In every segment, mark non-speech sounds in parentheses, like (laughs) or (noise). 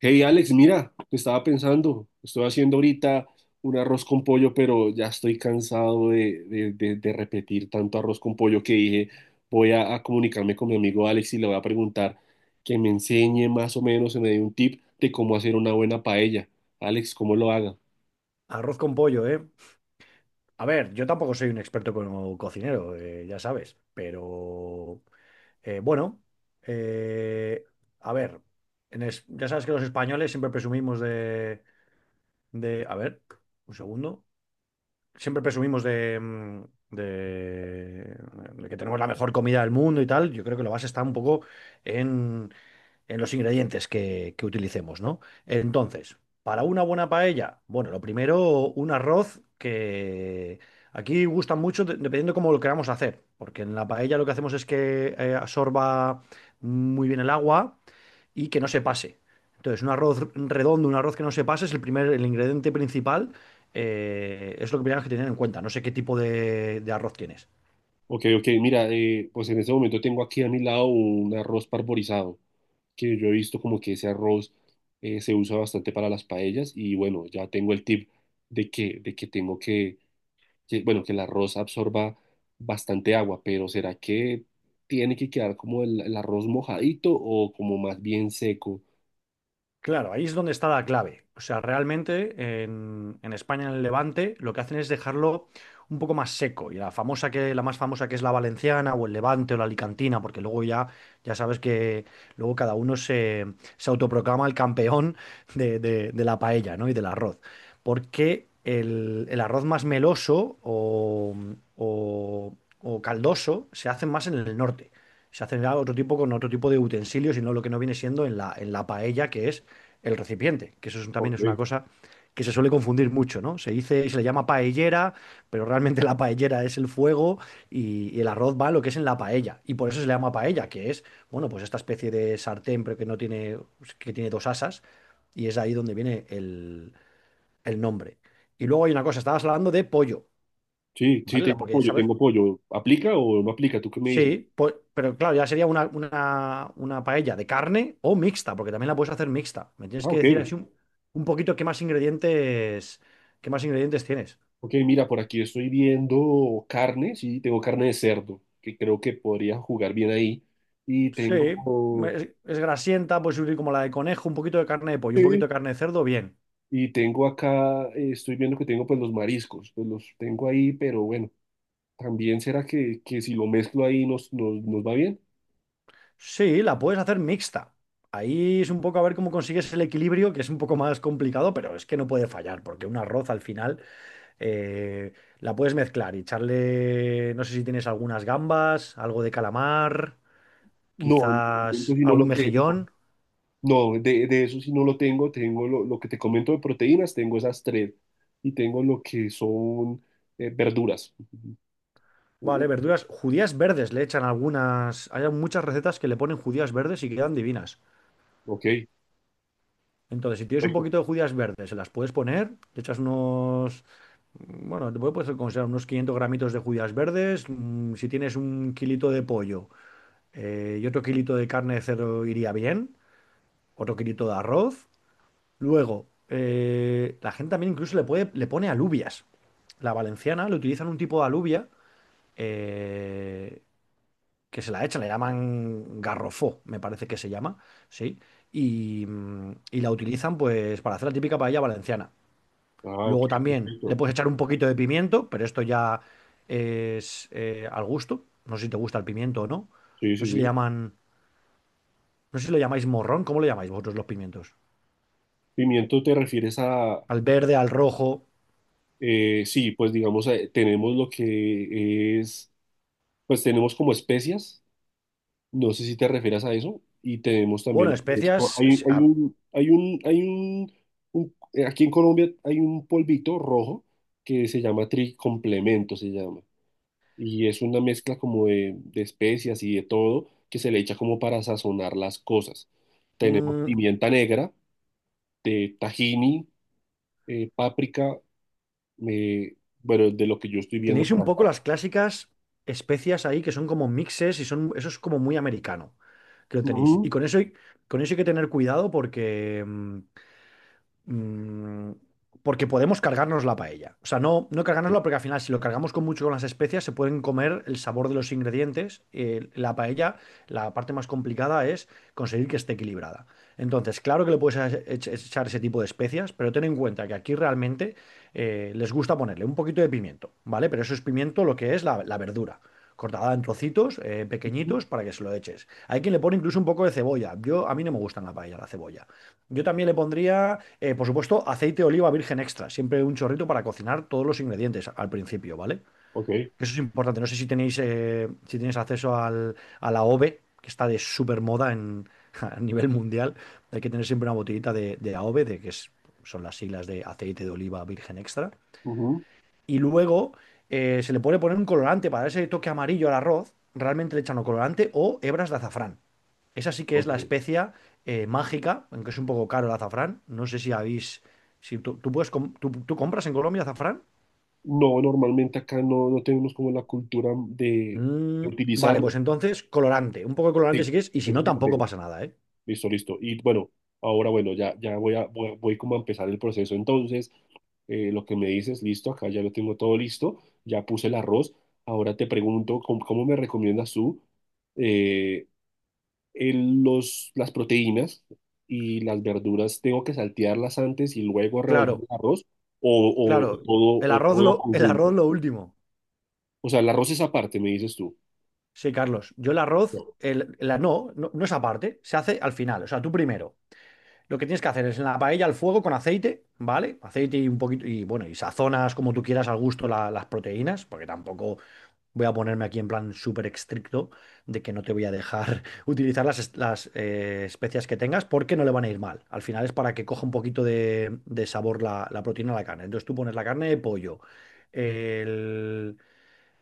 Hey Alex, mira, estaba pensando, estoy haciendo ahorita un arroz con pollo, pero ya estoy cansado de repetir tanto arroz con pollo que dije, voy a comunicarme con mi amigo Alex y le voy a preguntar que me enseñe más o menos, se me dé un tip de cómo hacer una buena paella. Alex, ¿cómo lo haga? Arroz con pollo, ¿eh? A ver, yo tampoco soy un experto como cocinero, ya sabes, pero eh, bueno, eh, a ver, ya sabes que los españoles siempre presumimos a ver, un segundo, siempre presumimos de, de que tenemos la mejor comida del mundo y tal. Yo creo que la base está un poco en los ingredientes que utilicemos, ¿no? Entonces, para una buena paella, bueno, lo primero, un arroz que aquí gusta mucho dependiendo cómo lo queramos hacer, porque en la paella lo que hacemos es que absorba muy bien el agua y que no se pase. Entonces, un arroz redondo, un arroz que no se pase es el primer, el ingrediente principal, es lo que tenemos que tener en cuenta. No sé qué tipo de arroz tienes. Ok, ok, mira, pues en este momento tengo aquí a mi lado un arroz parborizado, que yo he visto como que ese arroz se usa bastante para las paellas y bueno, ya tengo el tip de que tengo que, bueno, que el arroz absorba bastante agua, pero ¿será que tiene que quedar como el arroz mojadito o como más bien seco? Claro, ahí es donde está la clave. O sea, realmente en España, en el Levante, lo que hacen es dejarlo un poco más seco. Y la famosa que, la más famosa que es la valenciana, o el Levante, o la alicantina, porque luego ya, ya sabes que luego se autoproclama el campeón de la paella, ¿no? Y del arroz. Porque el arroz más meloso o o caldoso se hace más en el norte. Se hacerá otro tipo con otro tipo de utensilios y no lo que no viene siendo en en la paella, que es el recipiente, que eso también Ok. es una cosa que se suele confundir mucho, ¿no? Se dice, se le llama paellera, pero realmente la paellera es el fuego y el arroz va a lo que es en la paella. Y por eso se le llama paella, que es, bueno, pues esta especie de sartén, pero que no tiene, que tiene dos asas, y es ahí donde viene el nombre. Y luego hay una cosa, estabas hablando de pollo, Sí, sí, ¿vale? Tengo Porque, pollo, ¿sabes? tengo pollo. ¿Aplica o no aplica? ¿Tú qué me dices? Sí, pues, pero claro, ya sería una paella de carne o mixta, porque también la puedes hacer mixta. Me tienes Ah, que ok. decir así un poquito qué más ingredientes tienes. Ok, mira, por aquí estoy viendo carne, sí, tengo carne de cerdo, que creo que podría jugar bien ahí. Y Sí, tengo, es grasienta, puedes subir como la de conejo, un poquito de carne de pollo, un sí, poquito de carne de cerdo, bien. y tengo acá, estoy viendo que tengo pues los mariscos, pues los tengo ahí, pero bueno. También será que si lo mezclo ahí nos va bien. Sí, la puedes hacer mixta. Ahí es un poco a ver cómo consigues el equilibrio, que es un poco más complicado, pero es que no puede fallar, porque un arroz al final eh, la puedes mezclar y echarle, no sé si tienes algunas gambas, algo de calamar, No, en el momento quizás sí no algún lo tengo. mejillón. No, de eso sí no lo tengo. Tengo lo que te comento de proteínas, tengo esas tres. Y tengo lo que son verduras. Uh, Vale, verduras, judías verdes le echan algunas. Hay muchas recetas que le ponen judías verdes y quedan divinas. ok, Entonces, si tienes un perfecto. poquito de judías verdes, se las puedes poner, le echas unos. Bueno, puedes considerar unos 500 gramitos de judías verdes. Si tienes un kilito de pollo y otro kilito de carne de cerdo iría bien. Otro kilito de arroz. Luego, la gente también incluso le puede, le pone alubias. La valenciana le utilizan un tipo de alubia eh, que se la echan, le llaman garrofó, me parece que se llama, ¿sí? Y y la utilizan pues para hacer la típica paella valenciana. Ah, ok, Luego también le perfecto. puedes echar un poquito de pimiento, pero esto ya es al gusto. No sé si te gusta el pimiento o no. Sí, No sí, sé si le sí. llaman, no sé si lo llamáis morrón, ¿cómo lo llamáis vosotros los pimientos? ¿Pimiento te refieres a? Al verde, al rojo. Sí, pues digamos, tenemos lo que es, pues tenemos como especias, no sé si te refieras a eso, y tenemos también Bueno, lo que es co- especias, hay, hay un, hay un, hay un, un- aquí en Colombia hay un polvito rojo que se llama tricomplemento, se llama, y es una mezcla como de especias y de todo que se le echa como para sazonar las cosas. Tenemos mm, pimienta negra, de tahini, páprica, eh, bueno, de lo que yo estoy viendo tenéis un por poco aquí. las clásicas especias ahí que son como mixes y son, eso es como muy americano, que lo tenéis. Y Ujú, con eso hay que tener cuidado mm, porque podemos cargarnos la paella. O sea, no, no ok. cargárnosla porque al final si lo cargamos con mucho con las especias se pueden comer el sabor de los ingredientes. La paella, la parte más complicada es conseguir que esté equilibrada. Entonces, claro que le puedes echar ese tipo de especias, pero ten en cuenta que aquí realmente les gusta ponerle un poquito de pimiento, ¿vale? Pero eso es pimiento lo que es la verdura. Cortada en trocitos Ujú. pequeñitos para que se lo eches. Hay quien le pone incluso un poco de cebolla. Yo, a mí no me gustan la paella, la cebolla. Yo también le pondría, por supuesto, aceite de oliva virgen extra, siempre un chorrito para cocinar todos los ingredientes al principio, ¿vale? Ok, Eso es importante. No sé si tenéis, si tenéis acceso a la AOVE, que está de súper moda en, (laughs) a nivel mundial. Hay que tener siempre una botellita de AOVE, son las siglas de aceite de oliva virgen extra. ujú. Y luego se le puede poner un colorante para ese toque amarillo al arroz. Realmente le echan o colorante o hebras de azafrán. Esa sí que es la Ok. especia mágica, aunque es un poco caro el azafrán. No sé si habéis. Si tú, tú puedes tú, tú compras en Colombia azafrán. No, normalmente acá no, no tenemos como la cultura Mm, de vale, utilizarlo. pues entonces colorante. Un poco de colorante Sí, si quieres, y si eso no, sí lo tampoco tengo. pasa nada, ¿eh? Listo, listo. Y bueno, ahora bueno, ya, ya voy a, voy, voy como a empezar el proceso. Entonces, lo que me dices, listo, acá ya lo tengo todo listo, ya puse el arroz. Ahora te pregunto, ¿cómo, cómo me recomiendas tú? Eh, el- los, las proteínas y las verduras tengo que saltearlas antes y luego revolver el Claro, arroz claro. O todo El arroz conjunto. lo último. O sea, el arroz es aparte, me dices tú. Sí, Carlos. Yo el arroz, No. el, la, no, no, no es aparte, se hace al final. O sea, tú primero. Lo que tienes que hacer es en la paella al fuego con aceite, ¿vale? Aceite y un poquito, y bueno, y sazonas como tú quieras al gusto las proteínas, porque tampoco voy a ponerme aquí en plan súper estricto de que no te voy a dejar (laughs) utilizar las especias que tengas, porque no le van a ir mal. Al final es para que coja un poquito de sabor la proteína a la carne. Entonces tú pones la carne de pollo el,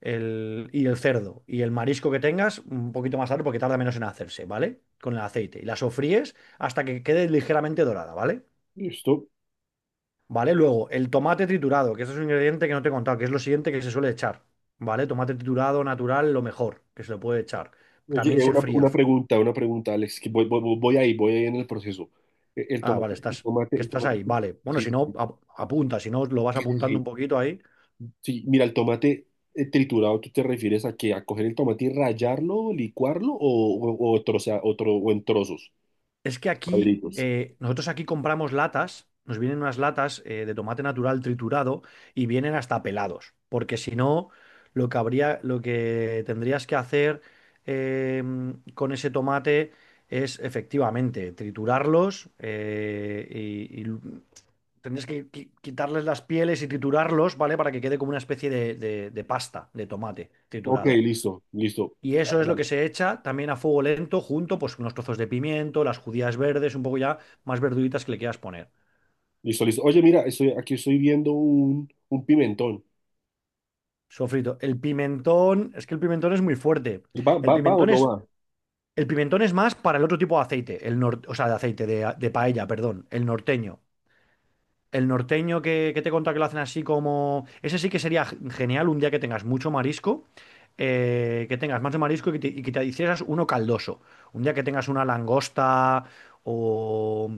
y el cerdo y el marisco que tengas un poquito más tarde porque tarda menos en hacerse, ¿vale? Con el aceite. Y la sofríes hasta que quede ligeramente dorada, ¿vale? Listo. ¿Vale? Luego, el tomate triturado, que ese es un ingrediente que no te he contado, que es lo siguiente que se suele echar. ¿Vale? Tomate triturado natural, lo mejor que se le puede echar. Oye, También se fría. Una pregunta, Alex, que voy, voy, voy ahí, voy ahí en el proceso. El Ah, vale, tomate, el estás, tomate, que el estás tomate, ahí, vale. Bueno, sí, si no, apunta, si no, lo vas sí, sí, apuntando sí. un poquito ahí. Sí, mira, el tomate triturado, ¿tú te refieres a? Que ¿A coger el tomate y rallarlo, licuarlo o, troza- o tro- o en trozos, Es que aquí, cuadritos? Nosotros aquí compramos latas, nos vienen unas latas de tomate natural triturado y vienen hasta pelados, porque si no, lo que habría, lo que tendrías que hacer eh, con ese tomate es efectivamente triturarlos y tendrías que quitarles las pieles y triturarlos, ¿vale? Para que quede como una especie de pasta de tomate Ok, triturado. listo, listo. Y Ya, eso es ya, lo que ya. se echa también a fuego lento junto pues con unos trozos de pimiento, las judías verdes, un poco ya más verduritas que le quieras poner. Listo, listo. Oye, mira, estoy, aquí estoy viendo un pimentón. Sofrito. El pimentón, es que el pimentón es muy fuerte. ¿Va, El va, va o pimentón no va? es, el pimentón es más para el otro tipo de aceite, el nor- o sea, de aceite de paella, perdón, el norteño. El norteño que te he contado que lo hacen así como... Ese sí que sería genial un día que tengas mucho marisco, que tengas más de marisco y que te hicieras uno caldoso. Un día que tengas una langosta o,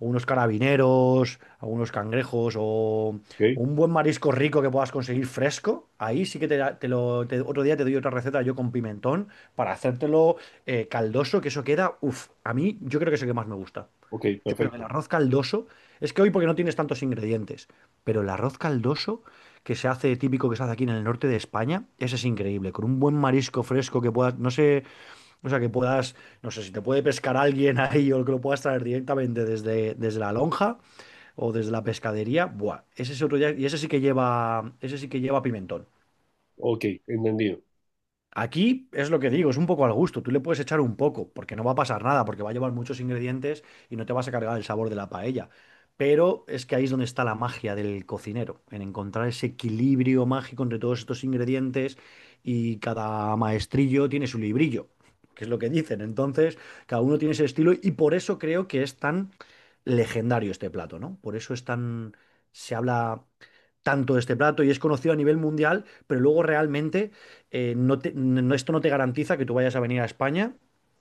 o unos carabineros, o unos cangrejos o Ok, un buen marisco rico que puedas conseguir fresco. Ahí sí que te, te lo... otro día te doy otra receta yo con pimentón para hacértelo caldoso, que eso queda... Uf, a mí yo creo que es el que más me gusta. ok, Yo creo que el perfecto. arroz caldoso, es que hoy porque no tienes tantos ingredientes, pero el arroz caldoso que se hace típico que se hace aquí en el norte de España, ese es increíble, con un buen marisco fresco que puedas, no sé, o sea, que puedas, no sé si te puede pescar alguien (laughs) ahí o que lo puedas traer directamente desde, desde la lonja o desde la pescadería, buah, ese es otro día, y ese sí que lleva, ese sí que lleva pimentón. Ok, entendido. Aquí es lo que digo, es un poco al gusto. Tú le puedes echar un poco, porque no va a pasar nada, porque va a llevar muchos ingredientes y no te vas a cargar el sabor de la paella. Pero es que ahí es donde está la magia del cocinero, en encontrar ese equilibrio mágico entre todos estos ingredientes y cada maestrillo tiene su librillo, que es lo que dicen. Entonces, cada uno tiene ese estilo y por eso creo que es tan legendario este plato, ¿no? Por eso es tan... Se habla tanto de este plato y es conocido a nivel mundial, pero luego realmente esto no te garantiza que tú vayas a venir a España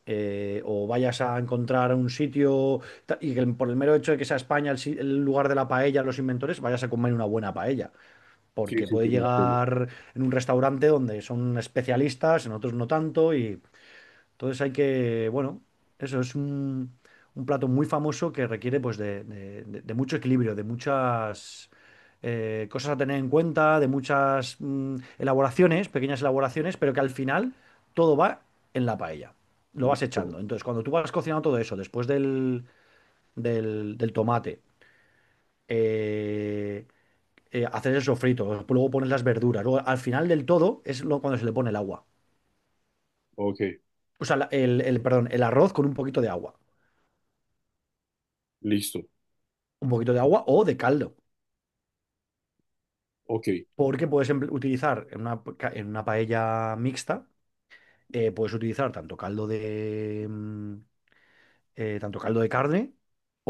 eh, o vayas a encontrar un sitio y que por el mero hecho de que sea España el, si- el lugar de la paella, los inventores, vayas a comer una buena paella. Sí, Porque sí, puede sí, lo entiendo. llegar en un restaurante donde son especialistas, en otros no tanto, y entonces hay que, bueno, eso es un, un plato muy famoso que requiere pues de mucho equilibrio, de muchas cosas a tener en cuenta, de muchas elaboraciones, pequeñas elaboraciones, pero que al final todo va en la paella. Lo vas Listo. echando. Entonces, cuando tú vas cocinando todo eso, después del tomate, eh, haces el sofrito, luego pones las verduras, luego al final del todo es cuando se le pone el agua. Ok, O sea, perdón, el arroz con un poquito de agua. listo. Un poquito de agua o de caldo, Ok. porque puedes utilizar en en una paella mixta, puedes utilizar tanto caldo de, tanto caldo de carne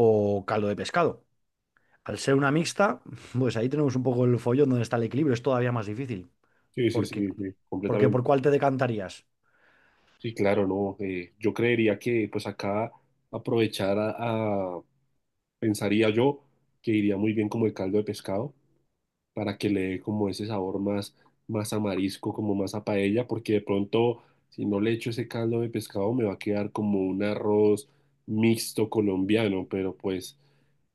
o caldo de pescado. Al ser una mixta, (laughs) pues ahí tenemos un poco el follón donde está el equilibrio, es todavía más difícil, Sí, sí, porque, sí, sí, porque completamente. ¿por cuál te decantarías? Sí, claro, no. Eh, yo creería que pues acá aprovechar a- pensaría yo que iría muy bien como el caldo de pescado, para que le dé como ese sabor más, más a marisco, como más a paella, porque de pronto si no le echo ese caldo de pescado me va a quedar como un arroz mixto colombiano, pero pues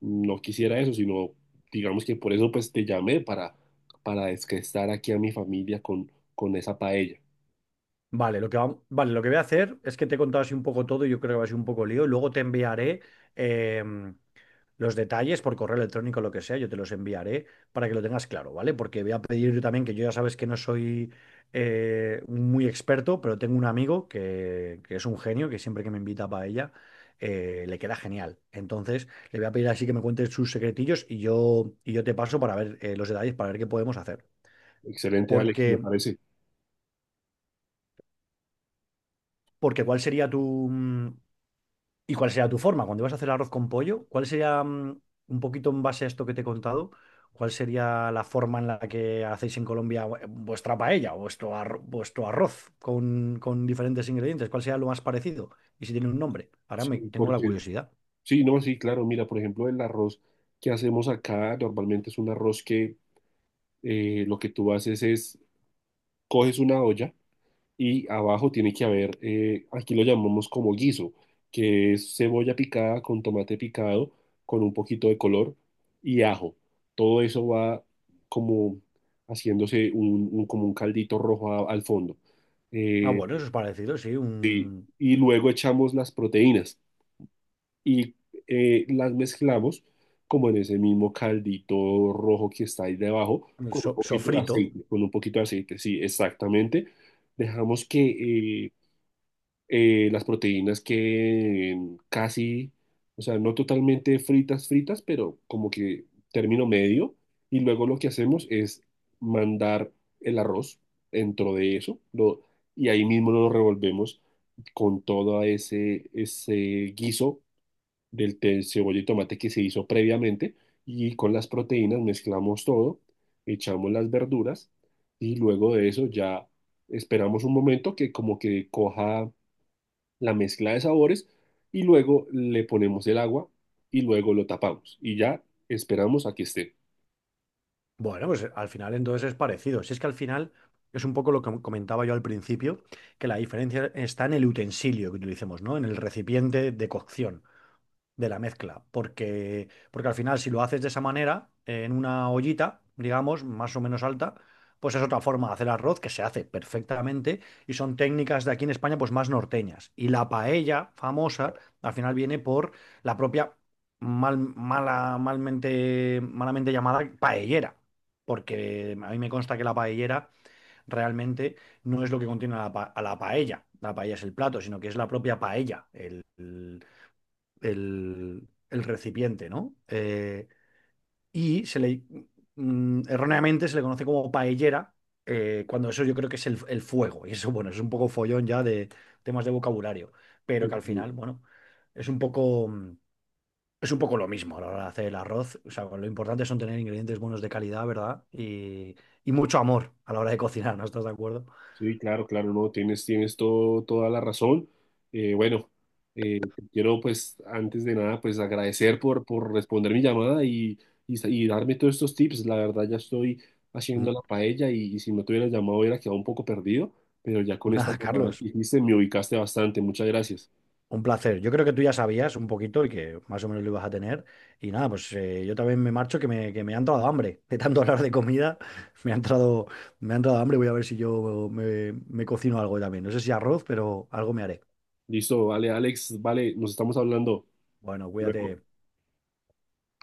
no quisiera eso, sino digamos que por eso pues te llamé para estar aquí a mi familia con esa paella. Vale, vale, lo que voy a hacer es que te he contado así un poco todo y yo creo que va a ser un poco lío. Luego te enviaré em, los detalles por correo electrónico, lo que sea, yo te los enviaré para que lo tengas claro, ¿vale? Porque voy a pedir yo también, que yo ya sabes que no soy muy experto, pero tengo un amigo que es un genio, que siempre que me invita para ella, le queda genial. Entonces, le voy a pedir así que me cuentes sus secretillos y yo te paso para ver los detalles, para ver qué podemos hacer. Excelente, Alex, Porque, me parece. porque ¿cuál sería ¿y cuál sería tu forma? Cuando ibas a hacer el arroz con pollo, ¿cuál sería, un poquito en base a esto que te he contado, cuál sería la forma en la que hacéis en Colombia vuestra paella o vuestro arroz con diferentes ingredientes? ¿Cuál sería lo más parecido? Y si tiene un nombre. Ahora Sí, me tengo la porque, curiosidad. sí, no, sí, claro, mira, por ejemplo, el arroz que hacemos acá normalmente es un arroz que lo que tú haces es, coges una olla, y abajo tiene que haber, aquí lo llamamos como guiso, que es cebolla picada con tomate picado, con un poquito de color y ajo. Todo eso va como haciéndose un- como un caldito rojo a- al fondo. Ah, Eh, bueno, eso es parecido, sí, y luego echamos las proteínas y las mezclamos como en ese mismo caldito rojo que está ahí debajo, con un poquito de sofrito. aceite, con un poquito de aceite, sí, exactamente. Dejamos que eh, las proteínas que casi, o sea, no totalmente fritas, fritas, pero como que término medio. Y luego lo que hacemos es mandar el arroz dentro de eso, lo, y ahí mismo lo revolvemos con todo ese guiso del te- cebolla y tomate que se hizo previamente. Y con las proteínas mezclamos todo, echamos las verduras y luego de eso ya esperamos un momento que como que coja la mezcla de sabores y luego le ponemos el agua y luego lo tapamos y ya esperamos a que esté. Bueno, pues al final entonces es parecido. Si es que al final es un poco lo que comentaba yo al principio, que la diferencia está en el utensilio que utilicemos, ¿no? En el recipiente de cocción de la mezcla, porque al final si lo haces de esa manera, en una ollita, digamos, más o menos alta, pues es otra forma de hacer arroz que se hace perfectamente y son técnicas de aquí en España pues más norteñas. Y la paella famosa al final viene por la propia malamente llamada paellera, porque a mí me consta que la paellera realmente no es lo que contiene a a la paella. La paella es el plato, sino que es la propia paella, el recipiente, ¿no? Y se le, erróneamente se le conoce como paellera, cuando eso yo creo que es el fuego. Y eso, bueno, es un poco follón ya de temas de vocabulario, Sí, pero que al final, bueno, es un poco, es un poco lo mismo a la hora de hacer el arroz. O sea, lo importante son tener ingredientes buenos de calidad, ¿verdad? Y mucho amor a la hora de cocinar, ¿no estás de acuerdo? sí, claro, claro, no, tienes, tienes todo, toda la razón. Bueno, te quiero pues antes de nada pues agradecer por responder mi llamada y, sa- y darme todos estos tips. La verdad ya estoy haciendo Mm, la paella y si no te hubieras llamado hubiera quedado un poco perdido, pero ya con esta Nada, llamada Carlos, que hiciste me ubicaste bastante. Muchas gracias. un placer. Yo creo que tú ya sabías un poquito y que más o menos lo ibas a tener. Y nada, pues yo también me marcho que me ha entrado hambre. (laughs) De tanto hablar de comida, (laughs) me ha entrado, me ha entrado hambre. Voy a ver si me cocino algo también. No sé si arroz, pero algo me haré. Listo, vale, Alex, vale, nos estamos hablando. Bueno, Luego. cuídate.